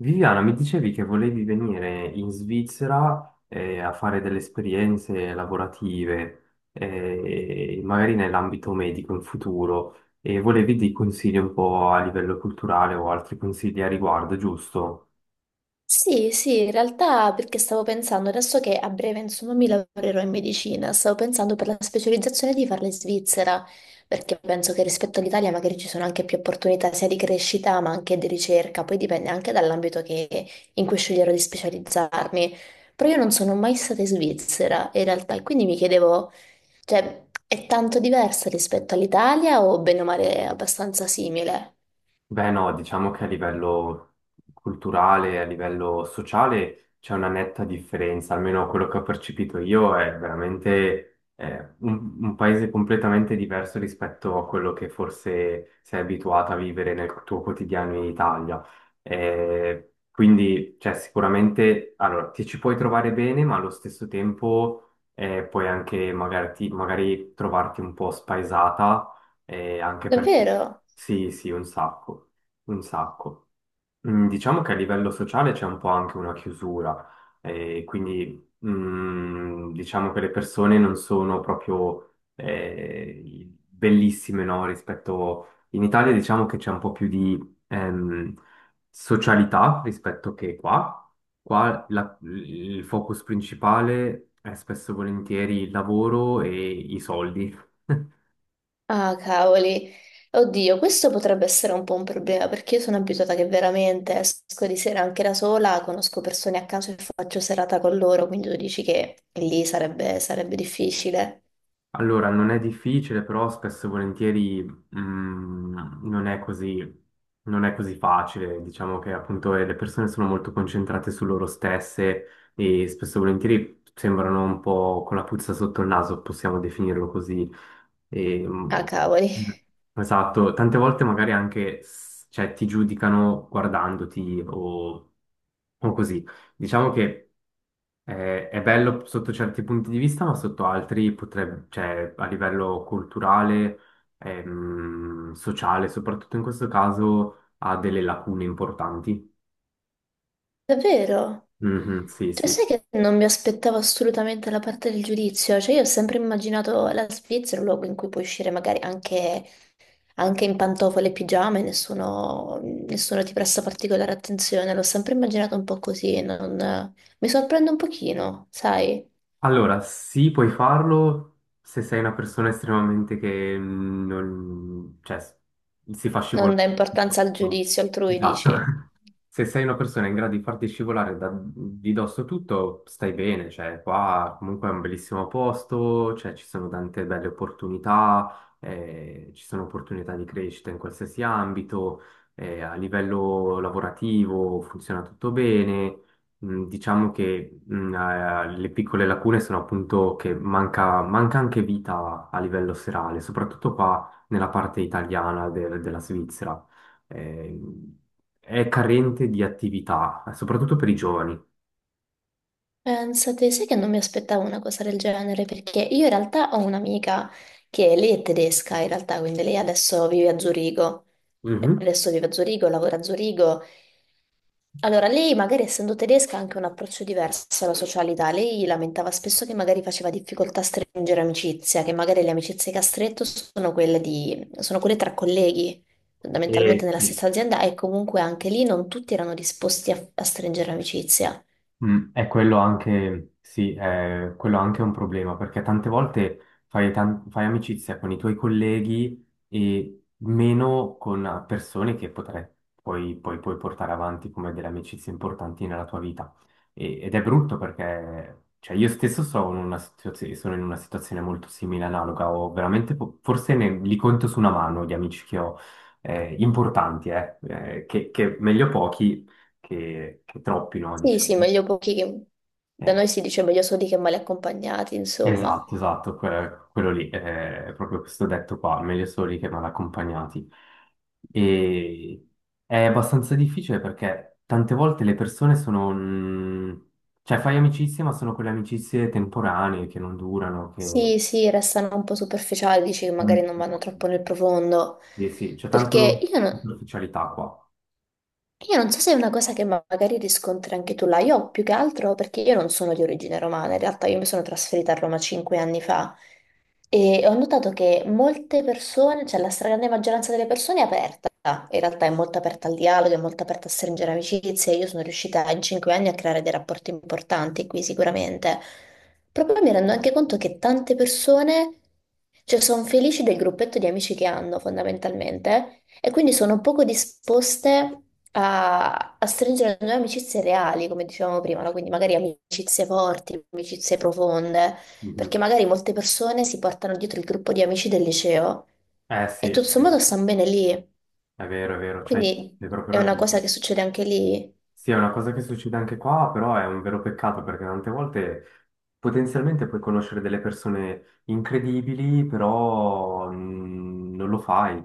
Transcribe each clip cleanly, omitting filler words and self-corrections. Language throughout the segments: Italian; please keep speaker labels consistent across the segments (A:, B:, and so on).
A: Viviana, mi dicevi che volevi venire in Svizzera a fare delle esperienze lavorative, magari nell'ambito medico in futuro, e volevi dei consigli un po' a livello culturale o altri consigli a riguardo, giusto?
B: Sì, sì, in realtà perché stavo pensando, adesso che a breve insomma mi lavorerò in medicina, stavo pensando per la specializzazione di farla in Svizzera, perché penso che rispetto all'Italia magari ci sono anche più opportunità sia di crescita ma anche di ricerca, poi dipende anche dall'ambito in cui sceglierò di specializzarmi. Però io non sono mai stata in Svizzera in realtà, e quindi mi chiedevo, cioè, è tanto diversa rispetto all'Italia o bene o male è abbastanza simile?
A: Beh, no, diciamo che a livello culturale, a livello sociale c'è una netta differenza, almeno quello che ho percepito io è veramente un paese completamente diverso rispetto a quello che forse sei abituato a vivere nel tuo quotidiano in Italia. Quindi, cioè, sicuramente, allora, ti ci puoi trovare bene, ma allo stesso tempo puoi anche magari trovarti un po' spaesata, anche perché...
B: Davvero?
A: Sì, sì, un sacco, un sacco. Diciamo che a livello sociale c'è un po' anche una chiusura, quindi diciamo che le persone non sono proprio bellissime, no? Rispetto... In Italia diciamo che c'è un po' più di ehm, socialità rispetto che qua. Il focus principale è spesso e volentieri il lavoro e i soldi.
B: Ah, cavoli. Oddio, questo potrebbe essere un po' un problema perché io sono abituata che veramente esco di sera anche da sola, conosco persone a caso e faccio serata con loro, quindi tu dici che lì sarebbe difficile.
A: Allora, non è difficile, però spesso e volentieri non è così, non è così facile. Diciamo che appunto le persone sono molto concentrate su loro stesse e spesso e volentieri sembrano un po' con la puzza sotto il naso, possiamo definirlo così. E,
B: Ah,
A: mh,
B: cavoli.
A: esatto, tante volte magari cioè, ti giudicano guardandoti o così. Diciamo che è bello sotto certi punti di vista, ma sotto altri potrebbe, cioè a livello culturale, sociale, soprattutto in questo caso, ha delle lacune importanti.
B: Davvero?
A: Mhm, sì,
B: Cioè, sai
A: sì.
B: che non mi aspettavo assolutamente la parte del giudizio? Cioè, io ho sempre immaginato la Svizzera un luogo in cui puoi uscire magari anche in pantofole e pigiama e nessuno ti presta particolare attenzione. L'ho sempre immaginato un po' così, mi sorprende un pochino, sai?
A: Allora, sì, puoi farlo se sei una persona estremamente che mm, non, cioè, si fa
B: Non
A: scivolare.
B: dà importanza al
A: Tutto.
B: giudizio altrui,
A: Esatto.
B: dici.
A: Se sei una persona in grado di farti scivolare di dosso tutto, stai bene, cioè qua comunque è un bellissimo posto, cioè ci sono tante belle opportunità, ci sono opportunità di crescita in qualsiasi ambito, a livello lavorativo funziona tutto bene. Diciamo che le piccole lacune sono appunto che manca anche vita a livello serale, soprattutto qua nella parte italiana della Svizzera. Eh, è carente di attività, soprattutto per i giovani.
B: Pensate, sai che non mi aspettavo una cosa del genere, perché io in realtà ho un'amica che lei è tedesca, in realtà, quindi lei adesso vive a Zurigo.
A: Mhm.
B: Adesso vive a Zurigo, lavora a Zurigo. Allora, lei magari essendo tedesca ha anche un approccio diverso alla socialità. Lei lamentava spesso che magari faceva difficoltà a stringere amicizia, che magari le amicizie che ha stretto sono sono quelle tra colleghi, fondamentalmente
A: E
B: nella
A: sì,
B: stessa azienda, e comunque anche lì non tutti erano disposti a stringere amicizia.
A: È quello anche, sì, è quello anche un problema, perché tante volte fai amicizia con i tuoi colleghi e meno con persone che potrai, poi puoi portare avanti come delle amicizie importanti nella tua vita. Ed è brutto perché, cioè, io stesso sono in una sono in una situazione molto simile, analoga, ho veramente, forse ne, li conto su una mano gli amici che ho, importanti, che meglio pochi che troppi, no,
B: Sì,
A: diciamo.
B: sì, meglio pochi che... Da noi si dice meglio soli che male accompagnati, insomma.
A: Esatto, esatto, quello lì, è proprio questo detto qua, meglio soli che mal accompagnati. E è abbastanza difficile perché tante volte le persone sono... cioè fai amicizie, ma sono quelle amicizie temporanee che non durano, che...
B: Sì, sì, restano un po' superficiali, dici che magari
A: Mm.
B: non vanno troppo nel profondo.
A: Sì, sì, c'è
B: Perché
A: tanto
B: io no-
A: superficialità qua.
B: Io non so se è una cosa che magari riscontri anche tu là, io più che altro perché io non sono di origine romana, in realtà io mi sono trasferita a Roma 5 anni fa e ho notato che molte persone, cioè la stragrande maggioranza delle persone è aperta, in realtà è molto aperta al dialogo, è molto aperta a stringere amicizie, io sono riuscita in 5 anni a creare dei rapporti importanti qui sicuramente, proprio mi rendo anche conto che tante persone, cioè sono felici del gruppetto di amici che hanno fondamentalmente. E quindi sono poco disposte a stringere nuove amicizie reali, come dicevamo prima, no? Quindi magari amicizie forti, amicizie profonde,
A: Mhm.
B: perché magari molte persone si portano dietro il gruppo di amici del liceo
A: Eh
B: e
A: sì, è
B: tutto sommato
A: vero,
B: stanno bene lì.
A: è vero, è vero, c'hai
B: Quindi
A: hai proprio
B: è una
A: ragione.
B: cosa che succede anche lì.
A: Sì, è una cosa che succede anche qua, però è un vero peccato perché tante volte potenzialmente puoi conoscere delle persone incredibili, però non lo fai.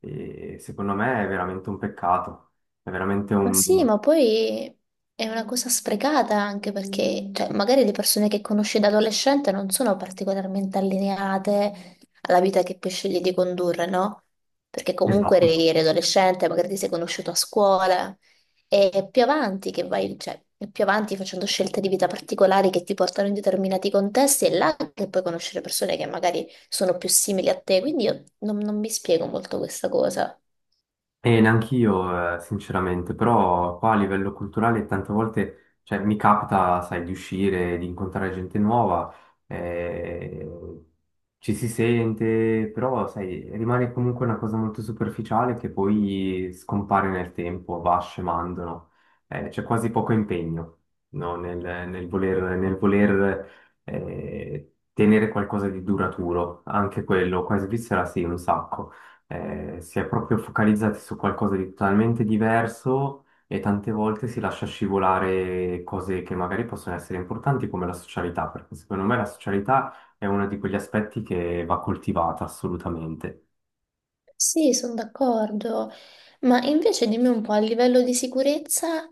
A: E secondo me è veramente un peccato. È veramente
B: Ma
A: un...
B: sì, ma poi è una cosa sprecata anche perché, cioè, magari le persone che conosci da adolescente non sono particolarmente allineate alla vita che poi scegli di condurre, no? Perché comunque
A: Esatto.
B: eri adolescente, magari ti sei conosciuto a scuola e è più avanti che vai, cioè, è più avanti facendo scelte di vita particolari che ti portano in determinati contesti è là che puoi conoscere persone che magari sono più simili a te, quindi io non mi spiego molto questa cosa.
A: E neanch'io, sinceramente, però qua a livello culturale tante volte, cioè, mi capita, sai, di uscire, di incontrare gente nuova, eh, ci si sente, però, sai, rimane comunque una cosa molto superficiale che poi scompare nel tempo, va scemando, no? C'è quasi poco impegno, no? Nel voler, tenere qualcosa di duraturo, anche quello, qua in Svizzera sì, un sacco si è proprio focalizzati su qualcosa di totalmente diverso e tante volte si lascia scivolare cose che magari possono essere importanti come la socialità, perché secondo me la socialità è uno di quegli aspetti che va coltivata assolutamente.
B: Sì, sono d'accordo, ma invece dimmi un po' a livello di sicurezza.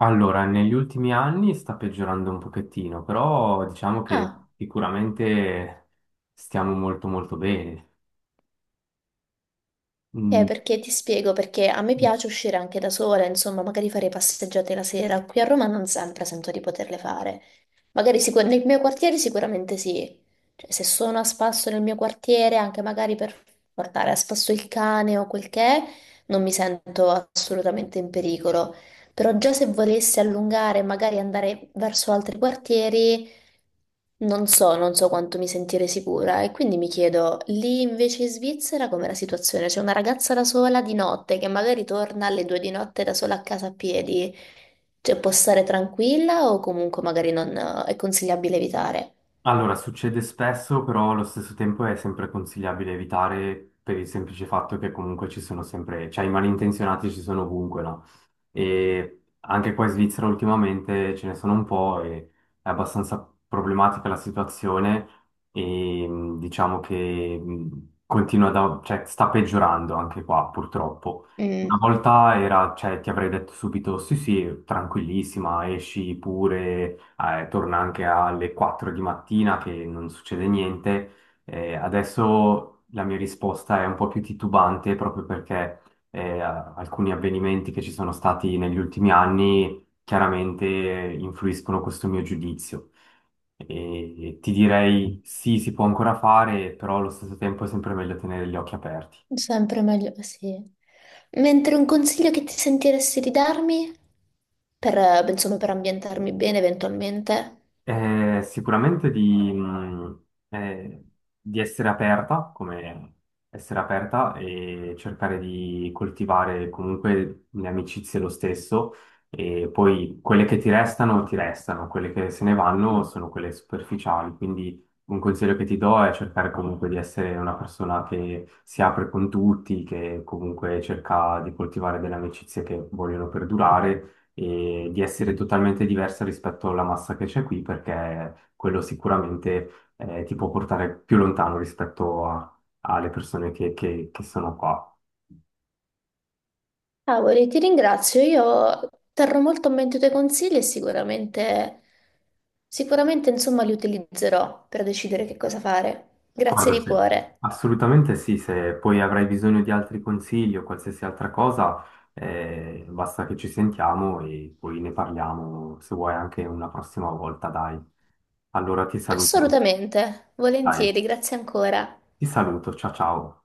A: Allora, negli ultimi anni sta peggiorando un pochettino, però diciamo che
B: Ah,
A: sicuramente stiamo molto molto bene.
B: ok,
A: Mm,
B: perché ti spiego, perché a me piace uscire anche da sola, insomma, magari fare passeggiate la sera, qui a Roma non sempre sento di poterle fare, magari nel mio quartiere sicuramente sì. Cioè, se sono a spasso nel mio quartiere, anche magari per portare a spasso il cane o quel che è, non mi sento assolutamente in pericolo, però già se volessi allungare e magari andare verso altri quartieri... Non so, non so quanto mi sentirei sicura e quindi mi chiedo, lì invece in Svizzera com'è la situazione? C'è una ragazza da sola di notte che magari torna alle 2 di notte da sola a casa a piedi, cioè può stare tranquilla o comunque magari non è consigliabile evitare?
A: Allora, succede spesso, però allo stesso tempo è sempre consigliabile evitare per il semplice fatto che comunque ci sono sempre, cioè i malintenzionati ci sono ovunque, no? E anche qua in Svizzera ultimamente ce ne sono un po' e è abbastanza problematica la situazione e diciamo che continua cioè, sta peggiorando anche qua purtroppo. Una
B: Mm,
A: volta era, cioè, ti avrei detto subito sì sì, tranquillissima, esci pure, torna anche alle 4 di mattina che non succede niente. Adesso la mia risposta è un po' più titubante proprio perché alcuni avvenimenti che ci sono stati negli ultimi anni chiaramente influiscono questo mio giudizio. E ti direi sì, si può ancora fare, però allo stesso tempo è sempre meglio tenere gli occhi aperti.
B: sempre meglio, sì. Mentre un consiglio che ti sentiresti di darmi per, insomma, per ambientarmi bene eventualmente?
A: Eh, sicuramente di, mh, eh, di essere aperta, come essere aperta e cercare di coltivare comunque le amicizie lo stesso e poi quelle che ti restano, quelle che se ne vanno sono quelle superficiali, quindi un consiglio che ti do è cercare comunque di essere una persona che si apre con tutti, che comunque cerca di coltivare delle amicizie che vogliono perdurare e di essere totalmente diversa rispetto alla massa che c'è qui, perché quello sicuramente ti può portare più lontano alle persone che sono qua.
B: Cavoli, ti ringrazio. Io terrò molto a mente i tuoi consigli e sicuramente, sicuramente, insomma, li utilizzerò per decidere che cosa fare. Grazie
A: Guarda,
B: di
A: sì.
B: cuore.
A: Assolutamente sì, se poi avrai bisogno di altri consigli o qualsiasi altra cosa, basta che ci sentiamo e poi ne parliamo, se vuoi anche una prossima volta, dai. Allora ti saluto,
B: Assolutamente,
A: dai,
B: volentieri, grazie ancora.
A: ti saluto, ciao ciao.